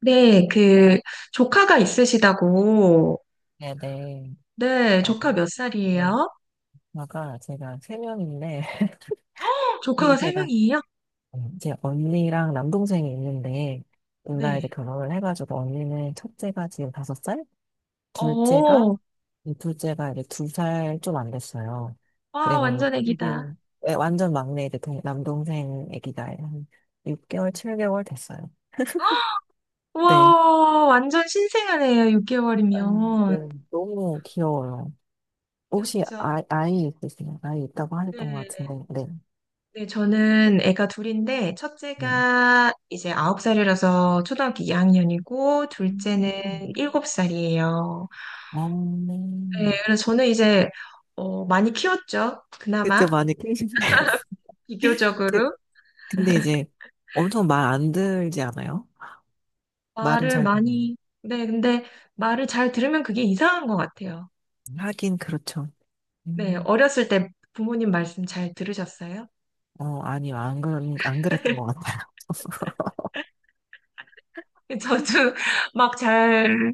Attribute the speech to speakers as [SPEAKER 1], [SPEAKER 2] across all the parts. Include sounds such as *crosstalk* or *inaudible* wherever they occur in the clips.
[SPEAKER 1] 네, 조카가 있으시다고.
[SPEAKER 2] 네네.
[SPEAKER 1] 네, 조카
[SPEAKER 2] 어,
[SPEAKER 1] 몇
[SPEAKER 2] 어,
[SPEAKER 1] 살이에요?
[SPEAKER 2] 아까 제가 3명인데, *laughs*
[SPEAKER 1] 조카가 세
[SPEAKER 2] 제가,
[SPEAKER 1] 명이에요?
[SPEAKER 2] 제 언니랑 남동생이 있는데, 둘 다 이제
[SPEAKER 1] 네.
[SPEAKER 2] 결혼을 해가지고, 언니는 첫째가 지금 5살, 둘째가,
[SPEAKER 1] 오,
[SPEAKER 2] 이 둘째가 이제 2살 좀 안 됐어요.
[SPEAKER 1] 와,
[SPEAKER 2] 그리고
[SPEAKER 1] 완전 애기다.
[SPEAKER 2] 이제 네, 완전 막내 이제 남동생 아기가 한 6개월, 7개월 됐어요. 네.
[SPEAKER 1] 와, 완전 신생아네요,
[SPEAKER 2] 네.
[SPEAKER 1] 6개월이면.
[SPEAKER 2] 너무 귀여워요. 혹시
[SPEAKER 1] 귀엽죠?
[SPEAKER 2] 아이 있으세요? 아이 있다고 하셨던 것 같은데,
[SPEAKER 1] 네.
[SPEAKER 2] 네.
[SPEAKER 1] 네, 저는 애가 둘인데,
[SPEAKER 2] 네.
[SPEAKER 1] 첫째가 이제 9살이라서 초등학교 2학년이고,
[SPEAKER 2] 음.
[SPEAKER 1] 둘째는 7살이에요.
[SPEAKER 2] 어,
[SPEAKER 1] 네, 그래서 저는 이제, 많이 키웠죠.
[SPEAKER 2] 그때
[SPEAKER 1] 그나마.
[SPEAKER 2] 많이 깨신데. *laughs* 그,
[SPEAKER 1] 비교적으로.
[SPEAKER 2] 근데 이제 엄청 말 안 들지 않아요? 말은
[SPEAKER 1] 말을
[SPEAKER 2] 잘, 들어요.
[SPEAKER 1] 많이, 네, 근데 말을 잘 들으면 그게 이상한 것 같아요.
[SPEAKER 2] 하긴 그렇죠.
[SPEAKER 1] 네,
[SPEAKER 2] 음,
[SPEAKER 1] 어렸을 때 부모님 말씀 잘 들으셨어요?
[SPEAKER 2] 아니요. 안, 그안 그랬던
[SPEAKER 1] *laughs*
[SPEAKER 2] 것 같아요. *laughs*
[SPEAKER 1] 저도 막 잘,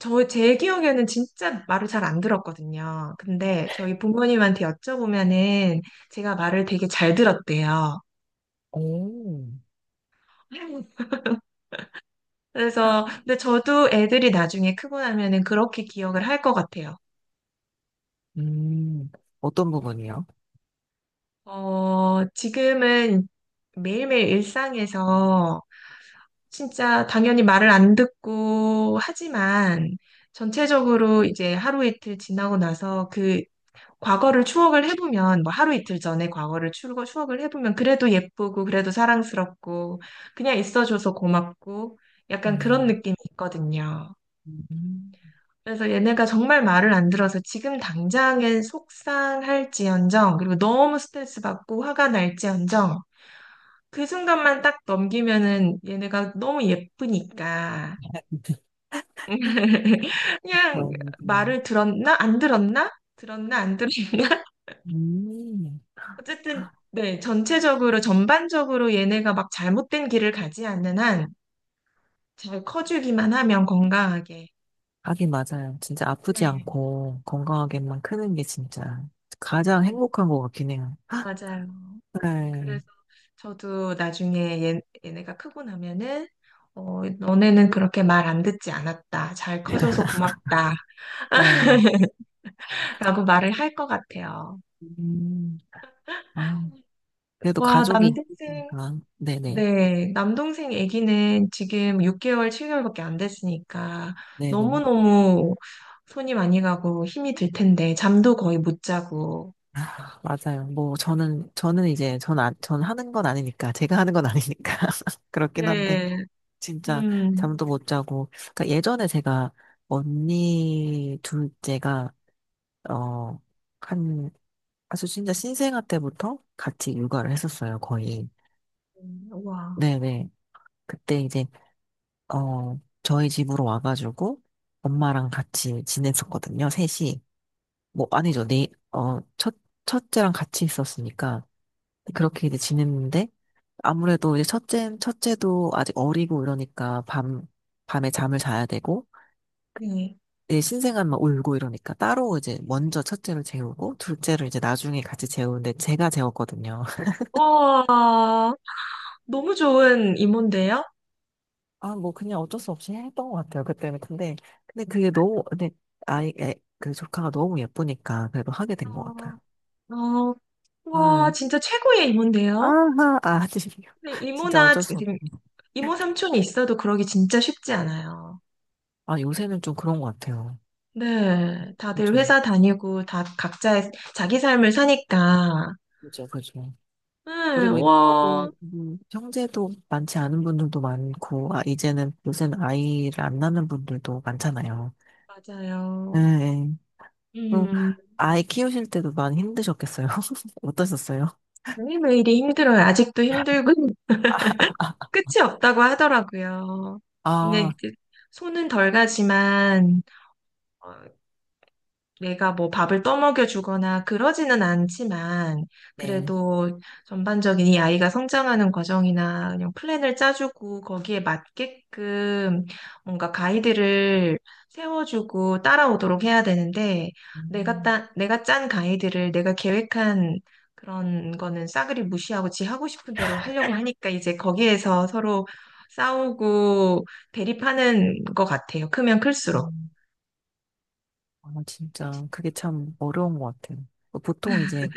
[SPEAKER 1] 제 기억에는 진짜 말을 잘 안 들었거든요. 근데 저희 부모님한테 여쭤보면은 제가 말을 되게 잘 들었대요.
[SPEAKER 2] 오,
[SPEAKER 1] 그래서, 근데 저도 애들이 나중에 크고 나면은 그렇게 기억을 할 것 같아요.
[SPEAKER 2] 음, 어떤 부분이요?
[SPEAKER 1] 지금은 매일매일 일상에서 진짜 당연히 말을 안 듣고 하지만 전체적으로 이제 하루 이틀 지나고 나서 그 과거를 추억을 해보면 뭐 하루 이틀 전에 과거를 추억을 해보면 그래도 예쁘고 그래도 사랑스럽고 그냥 있어줘서 고맙고 약간 그런
[SPEAKER 2] 음,
[SPEAKER 1] 느낌이 있거든요.
[SPEAKER 2] 음,
[SPEAKER 1] 그래서 얘네가 정말 말을 안 들어서 지금 당장엔 속상할지언정 그리고 너무 스트레스 받고 화가 날지언정 그 순간만 딱 넘기면은 얘네가 너무 예쁘니까 *laughs* 그냥
[SPEAKER 2] 그런 부분.
[SPEAKER 1] 말을 들었나? 안 들었나? 들었나? 안 들었나? *laughs*
[SPEAKER 2] 음.
[SPEAKER 1] 어쨌든, 네, 전체적으로, 전반적으로 얘네가 막 잘못된 길을 가지 않는 한 잘 커주기만 하면 건강하게.
[SPEAKER 2] 하긴 맞아요. 진짜 아프지
[SPEAKER 1] 네,
[SPEAKER 2] 않고 건강하게만 크는 게 진짜 가장
[SPEAKER 1] 네,
[SPEAKER 2] 행복한 것 같긴 해요.
[SPEAKER 1] 맞아요.
[SPEAKER 2] *laughs* 네,
[SPEAKER 1] 그래서 저도 나중에 얘네가 크고 나면은, 너네는 그렇게 말 안 듣지 않았다. 잘 커져서 고맙다.
[SPEAKER 2] 네.
[SPEAKER 1] *laughs* 라고 말을 할 것 같아요.
[SPEAKER 2] 음. 아, 그래도
[SPEAKER 1] 와,
[SPEAKER 2] 가족이
[SPEAKER 1] 남대생.
[SPEAKER 2] 있으니까. 네네.
[SPEAKER 1] 네, 남동생 아기는 지금 6개월, 7개월밖에 안 됐으니까
[SPEAKER 2] 네네.
[SPEAKER 1] 너무너무 손이 많이 가고 힘이 들 텐데 잠도 거의 못 자고.
[SPEAKER 2] 아, 맞아요. 뭐, 저는 이제, 전 하는 건 아니니까, 제가 하는 건 아니니까. *laughs* 그렇긴 한데,
[SPEAKER 1] 네,
[SPEAKER 2] 진짜,
[SPEAKER 1] 음,
[SPEAKER 2] 잠도 못 자고. 그러니까 예전에 제가, 언니 둘째가, 어, 한, 아주 진짜 신생아 때부터 같이 육아를 했었어요, 거의.
[SPEAKER 1] 와,
[SPEAKER 2] 네네. 그때 이제, 저희 집으로 와가지고, 엄마랑 같이 지냈었거든요, 셋이. 뭐 아니죠. 첫째랑 같이 있었으니까 그렇게 이제 지냈는데 아무래도 이제 첫째도 아직 어리고 이러니까 밤, 밤에 잠을 자야 되고
[SPEAKER 1] 네.
[SPEAKER 2] 이제 신생아만 울고 이러니까 따로 이제 먼저 첫째를 재우고 둘째를 이제 나중에 같이 재우는데 제가 재웠거든요. *laughs*
[SPEAKER 1] 와, 너무 좋은 이모인데요?
[SPEAKER 2] 아, 뭐 그냥 어쩔 수 없이 했던 것 같아요. 그때는. 근데, 그게 너무, 근데 그 조카가 너무 예쁘니까 그래도 하게 된 것 같아요.
[SPEAKER 1] 어, 어, 와,
[SPEAKER 2] 음.
[SPEAKER 1] 진짜 최고의 이모인데요?
[SPEAKER 2] 아하, 아,
[SPEAKER 1] 근데
[SPEAKER 2] *laughs* 진짜
[SPEAKER 1] 이모나
[SPEAKER 2] 어쩔 수없
[SPEAKER 1] 지금 이모 삼촌이 있어도 그러기 진짜 쉽지 않아요.
[SPEAKER 2] 아, 요새는 좀 그런 것 같아요.
[SPEAKER 1] 네, 다들
[SPEAKER 2] 그죠.
[SPEAKER 1] 회사 다니고 다 각자 자기 삶을 사니까.
[SPEAKER 2] 그죠, 그죠.
[SPEAKER 1] 네,
[SPEAKER 2] 그리고
[SPEAKER 1] 와,
[SPEAKER 2] 형제도 많지 않은 분들도 많고, 아, 요새는 아이를 안 낳는 분들도 많잖아요. 예,
[SPEAKER 1] 맞아요.
[SPEAKER 2] 예. 그럼
[SPEAKER 1] 음,
[SPEAKER 2] 아이 키우실 때도 많이 힘드셨겠어요? *laughs* 어떠셨어요?
[SPEAKER 1] 매일매일이 힘들어요. 아직도 힘들고 *laughs*
[SPEAKER 2] 아,
[SPEAKER 1] 끝이 없다고 하더라고요. 근데
[SPEAKER 2] 아,
[SPEAKER 1] 이제 손은 덜 가지만 어, 내가 뭐 밥을 떠먹여 주거나 그러지는 않지만,
[SPEAKER 2] 네.
[SPEAKER 1] 그래도 전반적인 이 아이가 성장하는 과정이나 그냥 플랜을 짜주고 거기에 맞게끔 뭔가 가이드를 세워주고 따라오도록 해야 되는데, 내가
[SPEAKER 2] 음,
[SPEAKER 1] 내가 짠 가이드를 내가 계획한 그런 거는 싸그리 무시하고 지 하고 싶은 대로 하려고 하니까 이제 거기에서 서로 싸우고 대립하는 것 같아요. 크면 클수록.
[SPEAKER 2] 음. 아, 진짜, 그게 참 어려운 것 같아요. 그 보통 이제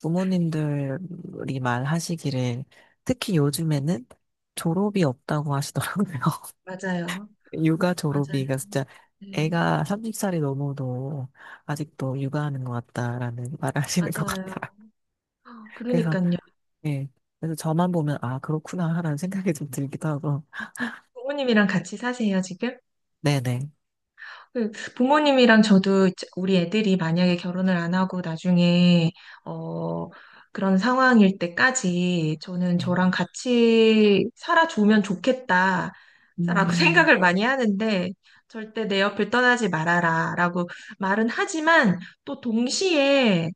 [SPEAKER 2] 부모님들이 말하시기를, 특히 요즘에는 졸업이 없다고 하시더라고요.
[SPEAKER 1] 맞아요.
[SPEAKER 2] 육아
[SPEAKER 1] 맞아요.
[SPEAKER 2] 졸업이가 진짜
[SPEAKER 1] 네,
[SPEAKER 2] 애가 30살이 넘어도 아직도 육아하는 것 같다라는 *laughs* 말을 하시는 것
[SPEAKER 1] 맞아요.
[SPEAKER 2] 같다. *laughs* 그래서,
[SPEAKER 1] 그러니까요.
[SPEAKER 2] 예. 그래서 저만 보면, 아, 그렇구나, 하는 생각이 좀 들기도 하고.
[SPEAKER 1] 부모님이랑 같이 사세요, 지금?
[SPEAKER 2] 네네.
[SPEAKER 1] 그 부모님이랑 저도 이제 우리 애들이 만약에 결혼을 안 하고 나중에, 어, 그런 상황일 때까지 저는
[SPEAKER 2] 네.
[SPEAKER 1] 저랑 같이 살아주면 좋겠다. 라고 *laughs*
[SPEAKER 2] 음,
[SPEAKER 1] 생각을 많이 하는데, 절대 내 옆을 떠나지 말아라. 라고 말은 하지만, 또 동시에,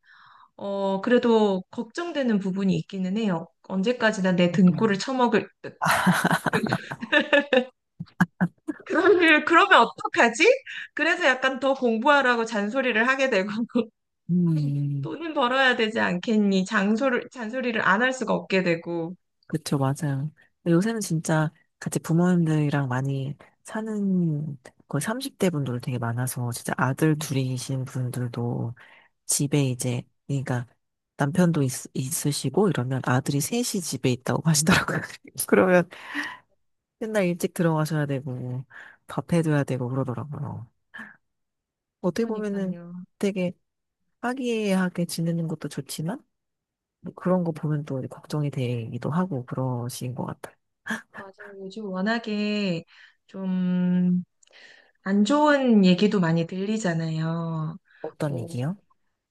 [SPEAKER 1] 그래도 걱정되는 부분이 있기는 해요. 언제까지나 내
[SPEAKER 2] 어떤,
[SPEAKER 1] 등골을 쳐먹을 듯.
[SPEAKER 2] *laughs*
[SPEAKER 1] 그러면 어떡하지? 그래서 약간 더 공부하라고 잔소리를 하게 되고, *laughs*
[SPEAKER 2] 음,
[SPEAKER 1] 돈은 벌어야 되지 않겠니? 잔소리를 안 할 수가 없게 되고.
[SPEAKER 2] 그쵸, 맞아요. 근데 요새는 진짜 같이 부모님들이랑 많이 사는 거의 30대 분들 되게 많아서 진짜 아들 둘이신 분들도 집에 이제, 그러니까 남편도 있으시고 이러면 아들이 셋이 집에 있다고 하시더라고요. *laughs* 그러면 맨날 일찍 들어가셔야 되고 밥 해줘야 되고 그러더라고요. 어떻게 보면은
[SPEAKER 1] 그러니까요.
[SPEAKER 2] 되게 화기애애하게 지내는 것도 좋지만 뭐 그런 거 보면 또 걱정이 되기도 하고 그러신 것 같아요.
[SPEAKER 1] 맞아요. 요즘 워낙에 좀 안 좋은 얘기도 많이 들리잖아요.
[SPEAKER 2] 어떤
[SPEAKER 1] 뭐,
[SPEAKER 2] 얘기요?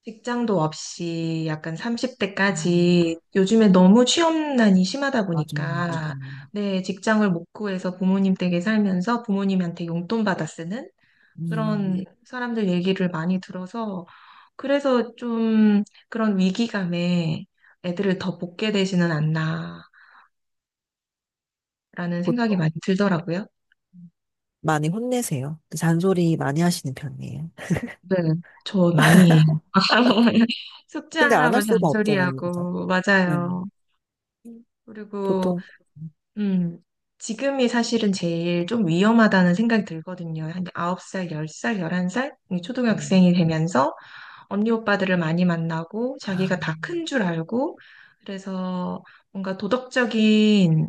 [SPEAKER 1] 직장도 없이 약간 30대까지 요즘에 너무 취업난이 심하다
[SPEAKER 2] 맞아요,
[SPEAKER 1] 보니까,
[SPEAKER 2] 맞아요.
[SPEAKER 1] 네, 직장을 못 구해서 부모님 댁에 살면서 부모님한테 용돈 받아 쓰는
[SPEAKER 2] 음,
[SPEAKER 1] 그런 사람들 얘기를 많이 들어서 그래서 좀 그런 위기감에 애들을 더 볶게 되지는 않나라는
[SPEAKER 2] 보통
[SPEAKER 1] 생각이 많이 들더라고요.
[SPEAKER 2] 많이 혼내세요. 잔소리 많이 하시는 편이에요.
[SPEAKER 1] 네, 저 많이 해요. *laughs*
[SPEAKER 2] 근데 안
[SPEAKER 1] 숙제하라고
[SPEAKER 2] 할 수가 없잖아요, 그죠?
[SPEAKER 1] 잔소리하고
[SPEAKER 2] 네.
[SPEAKER 1] 맞아요. 그리고
[SPEAKER 2] 보통.
[SPEAKER 1] 음 지금이 사실은 제일 좀 위험하다는 생각이 들거든요. 한 9살, 10살, 11살
[SPEAKER 2] 음.
[SPEAKER 1] 초등학생이 되면서 언니 오빠들을 많이 만나고 자기가
[SPEAKER 2] 아,
[SPEAKER 1] 다 큰 줄 알고 그래서 뭔가 도덕적인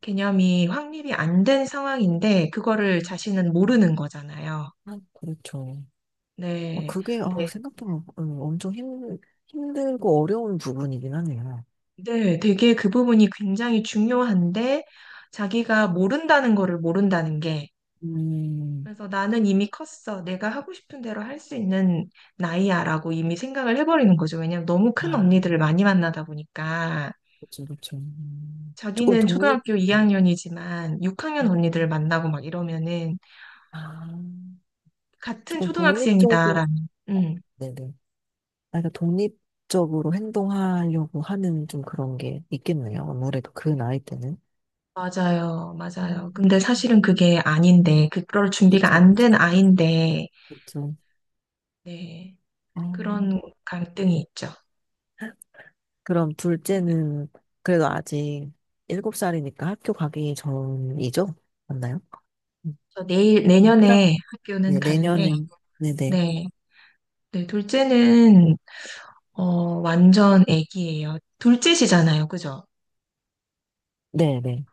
[SPEAKER 1] 개념이 확립이 안 된 상황인데 그거를 자신은 모르는 거잖아요.
[SPEAKER 2] 아, 그렇죠.
[SPEAKER 1] 네.
[SPEAKER 2] 그게, 아,
[SPEAKER 1] 네.
[SPEAKER 2] 생각보다 엄청 힘들고 어려운 부분이긴 하네요.
[SPEAKER 1] 네. 되게 그 부분이 굉장히 중요한데 자기가 모른다는 거를 모른다는 게
[SPEAKER 2] 음,
[SPEAKER 1] 그래서 나는 이미 컸어. 내가 하고 싶은 대로 할 수 있는 나이야라고 이미 생각을 해버리는 거죠. 왜냐면 너무 큰
[SPEAKER 2] 아,
[SPEAKER 1] 언니들을 많이 만나다 보니까.
[SPEAKER 2] 그죠그렇죠. 조금
[SPEAKER 1] 자기는
[SPEAKER 2] 독립,
[SPEAKER 1] 초등학교 2학년이지만 6학년 언니들을
[SPEAKER 2] 음.
[SPEAKER 1] 만나고 막 이러면은
[SPEAKER 2] 아,
[SPEAKER 1] 같은
[SPEAKER 2] 조금 독립적으로,
[SPEAKER 1] 초등학생이다라는.
[SPEAKER 2] 네네. 약가 독립적으로 행동하려고 하는 좀 그런 게 있겠네요. 아무래도 그 나이 때는.
[SPEAKER 1] 맞아요,
[SPEAKER 2] 음.
[SPEAKER 1] 맞아요. 근데 사실은 그게 아닌데, 그럴 준비가
[SPEAKER 2] 그쵸,
[SPEAKER 1] 안
[SPEAKER 2] 그쵸.
[SPEAKER 1] 된 아인데,
[SPEAKER 2] 그쵸.
[SPEAKER 1] 네,
[SPEAKER 2] 아,
[SPEAKER 1] 그런 갈등이 있죠.
[SPEAKER 2] 그럼 둘째는 그래도 아직 7살이니까 학교 가기 전이죠? 맞나요? 음,
[SPEAKER 1] 그래서
[SPEAKER 2] 일학
[SPEAKER 1] 내년에 학교는
[SPEAKER 2] 네,
[SPEAKER 1] 가는데,
[SPEAKER 2] 내년에, 네네.
[SPEAKER 1] 네, 네, 둘째는, 어, 완전 애기예요. 둘째시잖아요, 그죠?
[SPEAKER 2] 네네.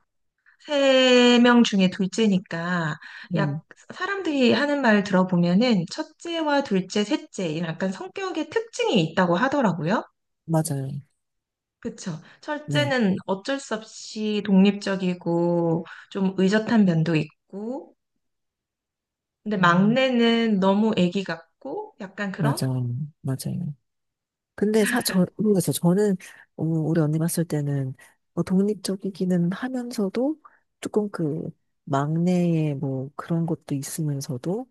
[SPEAKER 1] 세 명 중에 둘째니까 약
[SPEAKER 2] 음,
[SPEAKER 1] 사람들이 하는 말 들어보면은 첫째와 둘째, 셋째 이런 약간 성격의 특징이 있다고 하더라고요.
[SPEAKER 2] 맞아요.
[SPEAKER 1] 그쵸.
[SPEAKER 2] 네.
[SPEAKER 1] 첫째는 어쩔 수 없이 독립적이고 좀 의젓한 면도 있고 근데
[SPEAKER 2] 음,
[SPEAKER 1] 막내는 너무 애기 같고 약간 그런?
[SPEAKER 2] 맞아요. 맞아요. 근데 모르겠어요. 저는, 우리 언니 봤을 때는, 뭐 독립적이기는 하면서도, 조금 그, 막내의 뭐, 그런 것도 있으면서도,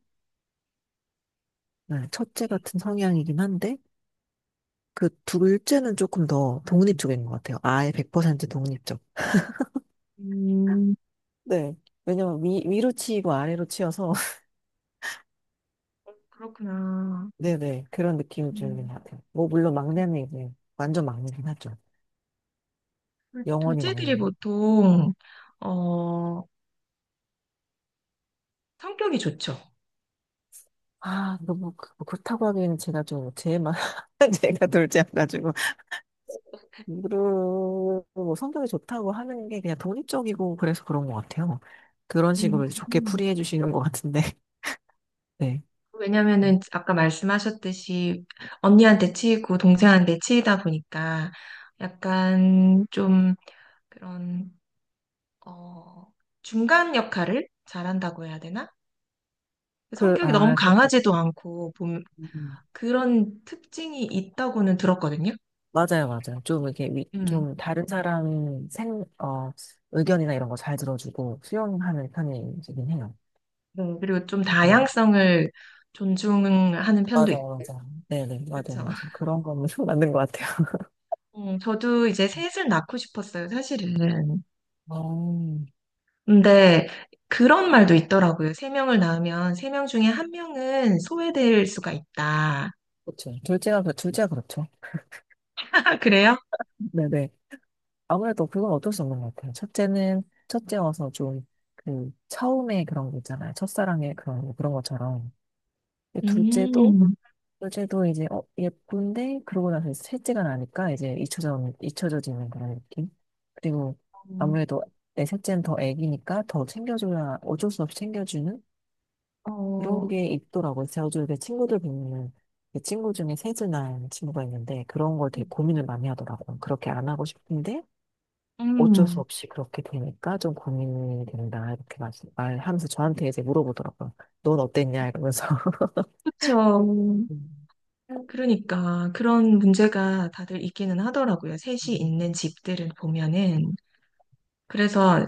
[SPEAKER 2] 네, 첫째
[SPEAKER 1] 네.
[SPEAKER 2] 같은 성향이긴 한데, 그 둘째는 조금 더 독립 쪽인 것 같아요. 아예 100% 독립적.
[SPEAKER 1] 음,
[SPEAKER 2] 네. 왜냐면 위로 치이고 아래로 치여서, *laughs*
[SPEAKER 1] 그렇구나.
[SPEAKER 2] 네네. 그런 느낌이 드는
[SPEAKER 1] 음,
[SPEAKER 2] 것 같아요. 뭐, 물론 막내는 이제, 완전 막내긴 하죠.
[SPEAKER 1] 둘-
[SPEAKER 2] 영원히
[SPEAKER 1] 둘째들이
[SPEAKER 2] 막내.
[SPEAKER 1] 보통 어, 성격이 좋죠.
[SPEAKER 2] 아, 너무 뭐 그렇다고 하기에는 제가 좀 제만 *laughs* 제가 둘째 여가지고 그리고 뭐 성격이 좋다고 하는 게 그냥 독립적이고 그래서 그런 것 같아요. 그런
[SPEAKER 1] 음.
[SPEAKER 2] 식으로 이제 좋게 풀이해 주시는 것 같은데. *laughs* 네.
[SPEAKER 1] 왜냐면은 아까 말씀하셨듯이 언니한테 치이고 동생한테 치이다 보니까 약간 좀 그런 어 중간 역할을 잘한다고 해야 되나?
[SPEAKER 2] 그,
[SPEAKER 1] 성격이 너무
[SPEAKER 2] 아, 그,
[SPEAKER 1] 강하지도 않고 봄-
[SPEAKER 2] 음.
[SPEAKER 1] 그런 특징이 있다고는 들었거든요.
[SPEAKER 2] 맞아요, 맞아요. 좀 이렇게
[SPEAKER 1] 음.
[SPEAKER 2] 좀 다른 사람 의견이나 이런 거 잘 들어주고 수용하는 편이긴 해요.
[SPEAKER 1] 네. 그리고 좀
[SPEAKER 2] 음.
[SPEAKER 1] 다양성을 존중하는 편도
[SPEAKER 2] 맞아요,
[SPEAKER 1] 있고.
[SPEAKER 2] 맞아요. 네네, 맞아요,
[SPEAKER 1] 그렇죠.
[SPEAKER 2] 맞아요. 그런 거는 *laughs* 맞는 것 같아요. *laughs*
[SPEAKER 1] 저도 이제 셋을 낳고 싶었어요, 사실은.
[SPEAKER 2] 어.
[SPEAKER 1] 근데 그런 말도 있더라고요. 세 명을 낳으면 세 명 중에 한 명은 소외될 수가 있다.
[SPEAKER 2] 그렇죠. 둘째가 그렇죠.
[SPEAKER 1] *laughs* 그래요?
[SPEAKER 2] 네네. 아무래도 그건 어쩔 수 없는 것 같아요. 첫째는, 첫째여서 좀, 그, 처음에 그런 거 있잖아요. 첫사랑의 그런, 거, 그런 것처럼. 근데 둘째도,
[SPEAKER 1] 음,
[SPEAKER 2] 둘째도 이제, 어, 예쁜데, 그러고 나서 이제 셋째가 나니까 이제 잊혀져지는 그런 느낌? 그리고
[SPEAKER 1] 음,
[SPEAKER 2] 아무래도 내 셋째는 더 애기니까 더 챙겨줘야, 어쩔 수 없이 챙겨주는 그런
[SPEAKER 1] 어,
[SPEAKER 2] 게 있더라고요. 제가 요즘 제 친구들 보면은 제 친구 중에 세즈난 친구가 있는데 그런 걸 되게 고민을 많이 하더라고요. 그렇게 안 하고 싶은데 어쩔 수
[SPEAKER 1] 음,
[SPEAKER 2] 없이 그렇게 되니까 좀 고민이 된다 이렇게 말하면서 저한테 이제 물어보더라고요. 넌 어땠냐 이러면서. *laughs*
[SPEAKER 1] 그렇죠.
[SPEAKER 2] 음.
[SPEAKER 1] 그러니까 그런 문제가 다들 있기는 하더라고요. 셋이 있는
[SPEAKER 2] 음.
[SPEAKER 1] 집들을 보면은. 그래서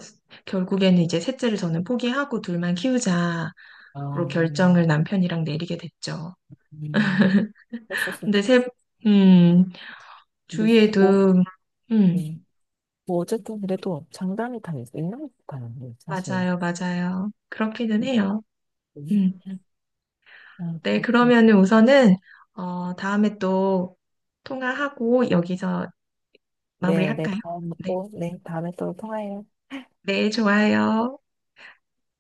[SPEAKER 1] 결국에는 이제 셋째를 저는 포기하고 둘만 키우자로
[SPEAKER 2] 아,
[SPEAKER 1] 결정을
[SPEAKER 2] 음.
[SPEAKER 1] 남편이랑 내리게 됐죠.
[SPEAKER 2] 음. 썼었어.
[SPEAKER 1] 근데 음,
[SPEAKER 2] 뭐, 이렇게 뭐,
[SPEAKER 1] 주위에도, 음,
[SPEAKER 2] 네. 뭐 어쨌든 그래도 장단이 다 있는 것 같아요. 사실.
[SPEAKER 1] 맞아요, 맞아요. 그렇기는 해요.
[SPEAKER 2] 음.
[SPEAKER 1] 음.
[SPEAKER 2] 아,
[SPEAKER 1] 네,
[SPEAKER 2] 그렇구나.
[SPEAKER 1] 그러면은 우선은, 다음에 또 통화하고 여기서
[SPEAKER 2] 네, 네,
[SPEAKER 1] 마무리할까요?
[SPEAKER 2] 다음
[SPEAKER 1] 네,
[SPEAKER 2] 또, 네, 다음에 또 통화해요.
[SPEAKER 1] 네, 좋아요.